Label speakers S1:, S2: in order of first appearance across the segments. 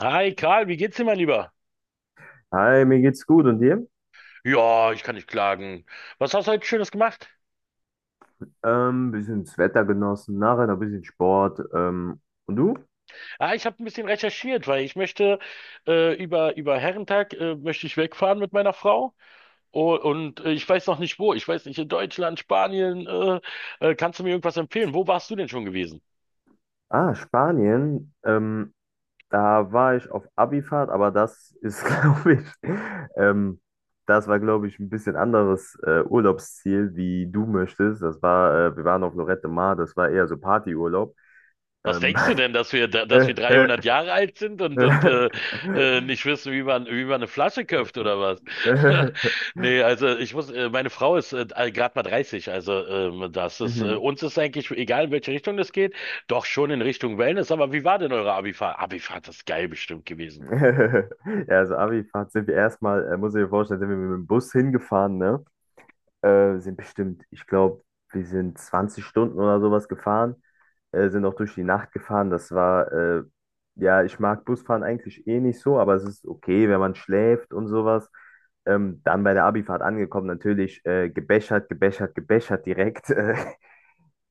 S1: Hi Karl, wie geht's dir, mein Lieber?
S2: Hi, mir geht's gut und dir?
S1: Ja, ich kann nicht klagen. Was hast du heute Schönes gemacht?
S2: Bisschen das Wetter genossen, nachher noch ein bisschen Sport. Und du?
S1: Ah, ich habe ein bisschen recherchiert, weil ich möchte über Herrentag möchte ich wegfahren mit meiner Frau. Ich weiß noch nicht wo. Ich weiß nicht, in Deutschland, Spanien. Kannst du mir irgendwas empfehlen? Wo warst du denn schon gewesen?
S2: Ah, Spanien. Da war ich auf Abifahrt, aber das ist, glaube ich, ähm, das war, glaube ich, ein bisschen anderes Urlaubsziel, wie du möchtest. Das war, wir waren auf Lloret de Mar, das war eher so Partyurlaub.
S1: Was
S2: Ähm,
S1: denkst du denn, dass wir 300 Jahre alt sind und nicht wissen, wie man eine Flasche köpft oder was? Nee, also ich muss, meine Frau ist gerade mal 30, also das ist,
S2: Mhm.
S1: uns ist eigentlich egal, in welche Richtung das geht, doch schon in Richtung Wellness. Aber wie war denn eure Abifahrt? Abifahrt ist geil bestimmt gewesen.
S2: Ja, also Abifahrt sind wir erstmal, muss ich mir vorstellen, sind wir mit dem Bus hingefahren, ne? Sind bestimmt, ich glaube, wir sind 20 Stunden oder sowas gefahren, sind auch durch die Nacht gefahren. Ja, ich mag Busfahren eigentlich eh nicht so, aber es ist okay, wenn man schläft und sowas. Dann bei der Abifahrt angekommen, natürlich gebechert, gebechert, gebechert direkt. Äh,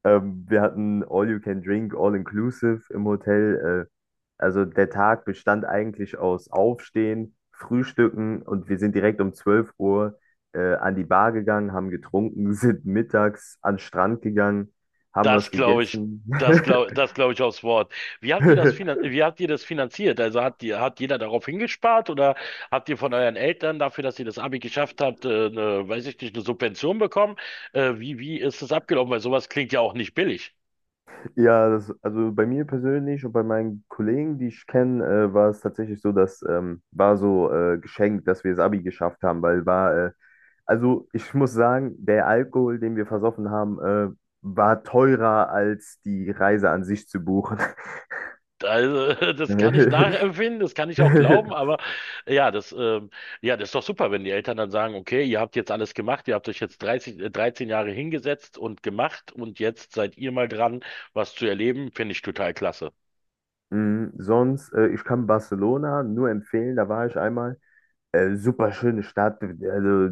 S2: ähm, Wir hatten All You Can Drink, All Inclusive im Hotel. Also der Tag bestand eigentlich aus Aufstehen, Frühstücken und wir sind direkt um 12 Uhr an die Bar gegangen, haben getrunken, sind mittags an den Strand gegangen, haben
S1: Das
S2: was
S1: glaube ich,
S2: gegessen.
S1: das glaube ich aufs Wort. Wie habt ihr das finanziert? Also hat die, hat jeder darauf hingespart oder habt ihr von euren Eltern dafür, dass ihr das Abi geschafft habt, eine, weiß ich nicht, eine Subvention bekommen? Wie ist das abgelaufen? Weil sowas klingt ja auch nicht billig.
S2: Ja, das, also bei mir persönlich und bei meinen Kollegen, die ich kenne, war es tatsächlich so, dass war so geschenkt, dass wir das Abi geschafft haben, weil war, also ich muss sagen, der Alkohol, den wir versoffen haben, war teurer als die Reise an sich zu buchen.
S1: Also, das kann ich nachempfinden, das kann ich auch glauben, aber ja, ja, das ist doch super, wenn die Eltern dann sagen, okay, ihr habt jetzt alles gemacht, ihr habt euch jetzt 13 Jahre hingesetzt und gemacht, und jetzt seid ihr mal dran, was zu erleben, finde ich total klasse.
S2: Mm, sonst, ich kann Barcelona nur empfehlen, da war ich einmal. Super schöne Stadt, also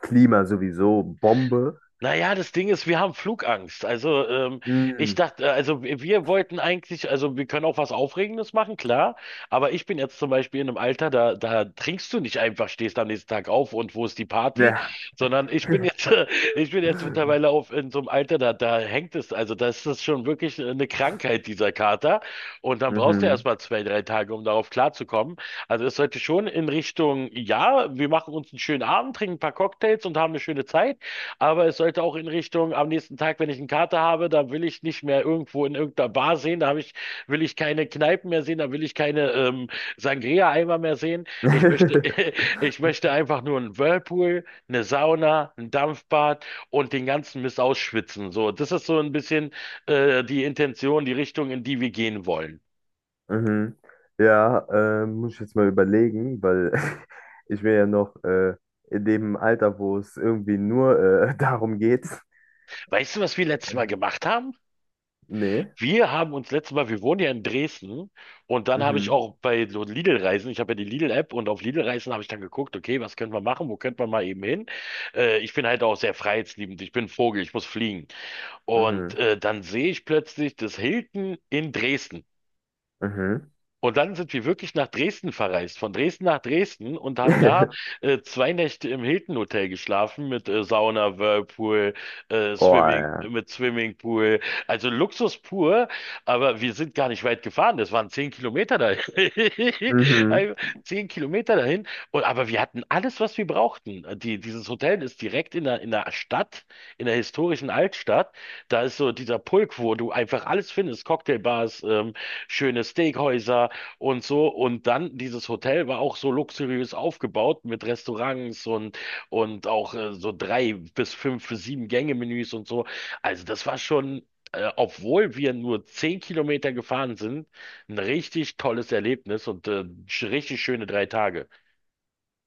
S2: Klima sowieso, Bombe.
S1: Naja, das Ding ist, wir haben Flugangst. Also, ich
S2: Mm,
S1: dachte, also wir wollten eigentlich, also wir können auch was Aufregendes machen, klar. Aber ich bin jetzt zum Beispiel in einem Alter, da trinkst du nicht einfach, stehst am nächsten Tag auf und wo ist die Party,
S2: ja.
S1: sondern ich bin jetzt, ich bin jetzt mittlerweile auf in so einem Alter, da hängt es, also das ist das schon wirklich eine Krankheit, dieser Kater. Und dann brauchst du
S2: Mhm.
S1: erstmal zwei, drei Tage, um darauf klarzukommen. Also es sollte schon in Richtung, ja, wir machen uns einen schönen Abend, trinken ein paar Cocktails und haben eine schöne Zeit. Aber es sollte auch in Richtung, am nächsten Tag, wenn ich einen Kater habe, da will ich nicht mehr irgendwo in irgendeiner Bar sehen, will ich keine Kneipen mehr sehen, da will ich keine Sangria-Eimer mehr sehen. Ich möchte, ich möchte einfach nur einen Whirlpool, eine Sauna, ein Dampfbad und den ganzen Mist ausschwitzen. So, das ist so ein bisschen die Intention, die Richtung, in die wir gehen wollen.
S2: Mhm. Ja, muss ich jetzt mal überlegen, weil ich bin ja noch in dem Alter, wo es irgendwie nur darum geht.
S1: Weißt du, was wir letztes Mal gemacht haben?
S2: Nee.
S1: Wir haben uns letztes Mal, wir wohnen ja in Dresden, und dann habe ich
S2: Mhm.
S1: auch bei so Lidl-Reisen, ich habe ja die Lidl-App, und auf Lidl-Reisen habe ich dann geguckt, okay, was können wir machen, wo könnte man mal eben hin? Ich bin halt auch sehr freiheitsliebend, ich bin ein Vogel, ich muss fliegen. Und
S2: Mhm.
S1: dann sehe ich plötzlich das Hilton in Dresden.
S2: Mhm.
S1: Und dann sind wir wirklich nach Dresden verreist, von Dresden nach Dresden, und haben da 2 Nächte im Hilton Hotel geschlafen mit Sauna, Whirlpool,
S2: Oh, ja.
S1: Mit Swimmingpool. Also Luxus pur, aber wir sind gar nicht weit gefahren. Das waren 10 Kilometer dahin.
S2: Mhm.
S1: Ein- 10 Kilometer dahin. Und, aber wir hatten alles, was wir brauchten. Dieses Hotel ist direkt in der Stadt, in der historischen Altstadt. Da ist so dieser Pulk, wo du einfach alles findest. Cocktailbars, schöne Steakhäuser und so. Und dann, dieses Hotel war auch so luxuriös aufgebaut mit Restaurants und auch so drei bis fünf, sieben Gänge-Menüs und so. Also das war schon, obwohl wir nur 10 Kilometer gefahren sind, ein richtig tolles Erlebnis und richtig schöne drei Tage.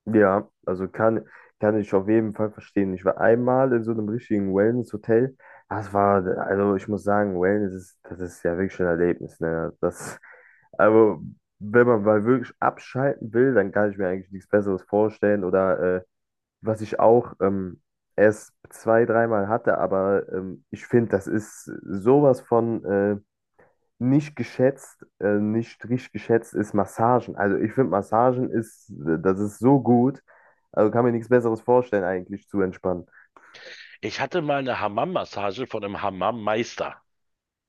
S2: Ja, also kann, kann ich auf jeden Fall verstehen. Ich war einmal in so einem richtigen Wellness-Hotel. Das war, also ich muss sagen, Wellness ist, das ist ja wirklich ein Erlebnis, ne? Das. Aber wenn man mal wirklich abschalten will, dann kann ich mir eigentlich nichts Besseres vorstellen. Oder was ich auch erst zwei, dreimal hatte, aber ich finde, das ist sowas von nicht geschätzt, nicht richtig geschätzt ist Massagen. Also ich finde, Massagen ist, das ist so gut. Also kann mir nichts Besseres vorstellen, eigentlich zu entspannen.
S1: Ich hatte mal eine Hammam-Massage von einem Hammam-Meister.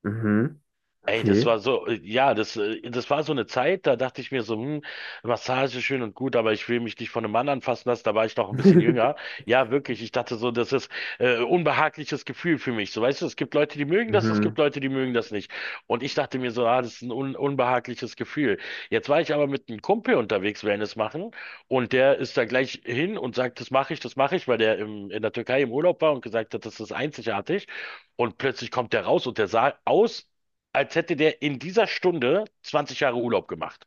S2: Mhm,
S1: Ey, das
S2: okay.
S1: war so, ja, das war so eine Zeit, da dachte ich mir so, Massage schön und gut, aber ich will mich nicht von einem Mann anfassen lassen, da war ich noch ein bisschen jünger. Ja, wirklich, ich dachte so, das ist unbehagliches Gefühl für mich. So, weißt du, es gibt Leute, die mögen das, es
S2: Mhm.
S1: gibt Leute, die mögen das nicht. Und ich dachte mir so, ah, das ist ein un unbehagliches Gefühl. Jetzt war ich aber mit einem Kumpel unterwegs, Wellness machen, und der ist da gleich hin und sagt, das mache ich, weil der in der Türkei im Urlaub war und gesagt hat, das ist einzigartig. Und plötzlich kommt der raus und der sah aus, als hätte der in dieser Stunde 20 Jahre Urlaub gemacht.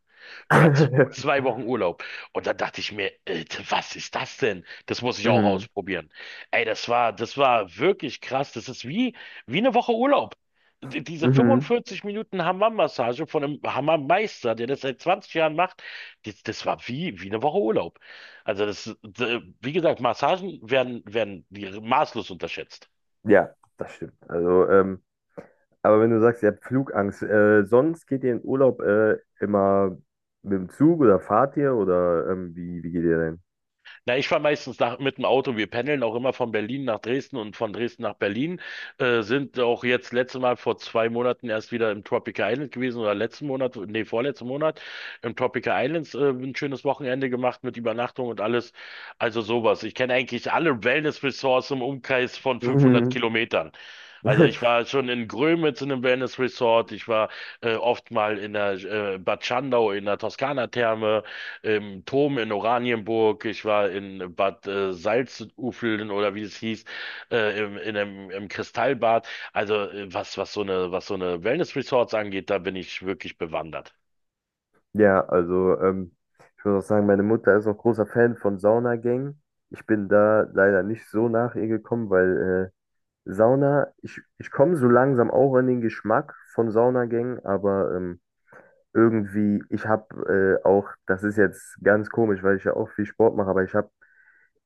S1: Oder 2 Wochen Urlaub. Und dann dachte ich mir, Alter, was ist das denn? Das muss ich auch
S2: Mhm.
S1: ausprobieren. Ey, das war wirklich krass. Das ist wie, wie eine Woche Urlaub. Diese
S2: Mhm.
S1: 45 Minuten Hammam-Massage von einem Hammam-Meister, der das seit 20 Jahren macht, das war wie, wie eine Woche Urlaub. Also wie gesagt, Massagen werden, werden die maßlos unterschätzt.
S2: Ja, das stimmt. Also, aber wenn du sagst, ihr habt Flugangst, sonst geht ihr in Urlaub immer mit dem Zug oder fahrt ihr oder wie, wie geht ihr denn?
S1: Na, ich fahre meistens nach, mit dem Auto. Wir pendeln auch immer von Berlin nach Dresden und von Dresden nach Berlin. Sind auch jetzt letzte Mal vor 2 Monaten erst wieder im Tropical Island gewesen, oder letzten Monat, nee, vorletzten Monat im Tropical Islands ein schönes Wochenende gemacht mit Übernachtung und alles. Also sowas. Ich kenne eigentlich alle Wellness-Resorts im Umkreis von 500
S2: Mhm.
S1: Kilometern. Also ich war schon in Grömitz in einem Wellness Resort, ich war oft mal in der Bad Schandau in der Toskana-Therme, im Dom in Oranienburg, ich war in Bad Salzufeln oder wie es hieß, im Kristallbad. Also was so eine Wellness-Resorts angeht, da bin ich wirklich bewandert.
S2: Ja, also ich muss auch sagen, meine Mutter ist auch großer Fan von Saunagängen. Ich bin da leider nicht so nach ihr gekommen, weil Sauna, ich komme so langsam auch an den Geschmack von Saunagängen, aber irgendwie, ich habe auch, das ist jetzt ganz komisch, weil ich ja auch viel Sport mache, aber ich habe.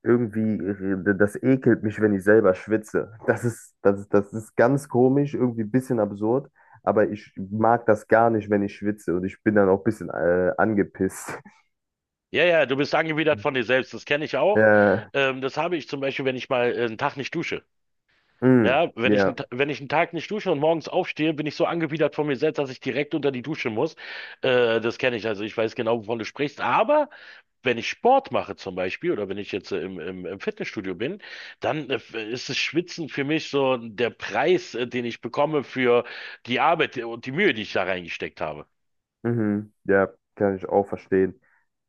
S2: Irgendwie, das ekelt mich, wenn ich selber schwitze. Das ist, das ist, das ist ganz komisch, irgendwie ein bisschen absurd, aber ich mag das gar nicht, wenn ich schwitze und ich bin dann auch ein bisschen angepisst.
S1: Ja, ja, du bist angewidert von dir selbst, das kenne ich auch.
S2: Äh,
S1: Das habe ich zum Beispiel, wenn ich mal einen Tag nicht dusche.
S2: mh,
S1: Ja,
S2: ja,
S1: Wenn ich einen Tag nicht dusche und morgens aufstehe, bin ich so angewidert von mir selbst, dass ich direkt unter die Dusche muss. Das kenne ich, also ich weiß genau, wovon du sprichst. Aber wenn ich Sport mache zum Beispiel, oder wenn ich jetzt im Fitnessstudio bin, dann ist das Schwitzen für mich so der Preis, den ich bekomme für die Arbeit und die Mühe, die ich da reingesteckt habe.
S2: mhm, ja, kann ich auch verstehen.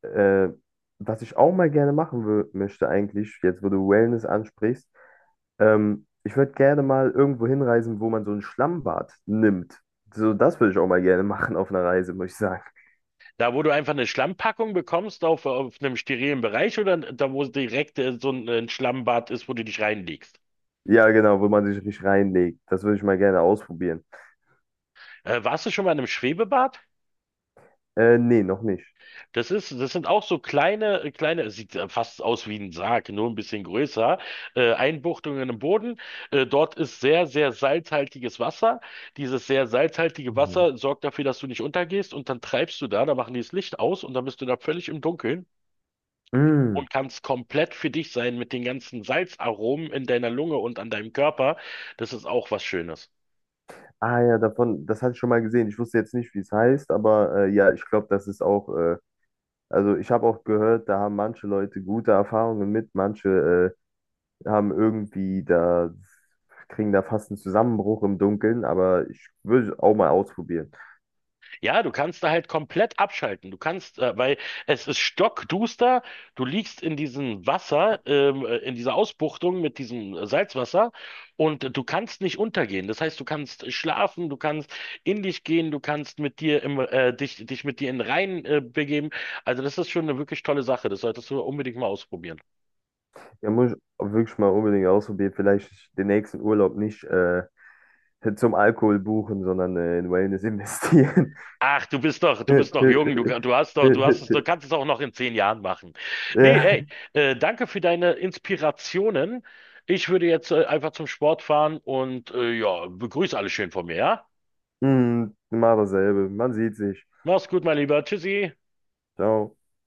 S2: Äh, was ich auch mal gerne machen möchte eigentlich, jetzt wo du Wellness ansprichst, ich würde gerne mal irgendwo hinreisen, wo man so ein Schlammbad nimmt. So, das würde ich auch mal gerne machen auf einer Reise, muss ich sagen.
S1: Da, wo du einfach eine Schlammpackung bekommst auf einem sterilen Bereich, oder da, wo direkt so ein Schlammbad ist, wo du dich reinlegst.
S2: Ja, genau, wo man sich richtig reinlegt. Das würde ich mal gerne ausprobieren.
S1: Warst du schon mal in einem Schwebebad?
S2: Nee, noch nicht.
S1: Das sind auch so kleine, kleine, es sieht fast aus wie ein Sarg, nur ein bisschen größer, Einbuchtungen im Boden. Dort ist sehr, sehr salzhaltiges Wasser. Dieses sehr salzhaltige
S2: Mhm.
S1: Wasser sorgt dafür, dass du nicht untergehst, und dann treibst du da, da machen die das Licht aus und dann bist du da völlig im Dunkeln
S2: Mm.
S1: und kannst komplett für dich sein mit den ganzen Salzaromen in deiner Lunge und an deinem Körper. Das ist auch was Schönes.
S2: Ah ja, davon, das hatte ich schon mal gesehen. Ich wusste jetzt nicht, wie es heißt, aber ja, ich glaube, das ist auch, also ich habe auch gehört, da haben manche Leute gute Erfahrungen mit, manche haben irgendwie da, kriegen da fast einen Zusammenbruch im Dunkeln, aber ich würde auch mal ausprobieren.
S1: Ja, du kannst da halt komplett abschalten. Weil es ist stockduster, du liegst in diesem Wasser, in dieser Ausbuchtung mit diesem Salzwasser, und du kannst nicht untergehen. Das heißt, du kannst schlafen, du kannst in dich gehen, du kannst mit dir im, dich, dich mit dir in den Rhein, begeben. Also das ist schon eine wirklich tolle Sache. Das solltest du unbedingt mal ausprobieren.
S2: Ja, muss ich auch wirklich mal unbedingt ausprobieren. Vielleicht den nächsten Urlaub nicht zum Alkohol buchen, sondern in Wellness investieren.
S1: Ach, du bist noch jung, du hast doch, du kannst es auch noch in 10 Jahren machen. Nee,
S2: Ja,
S1: ey, danke für deine Inspirationen. Ich würde jetzt einfach zum Sport fahren und ja, begrüße alle schön von mir, ja?
S2: hm, immer dasselbe. Man sieht sich.
S1: Mach's gut, mein Lieber. Tschüssi.
S2: Ciao.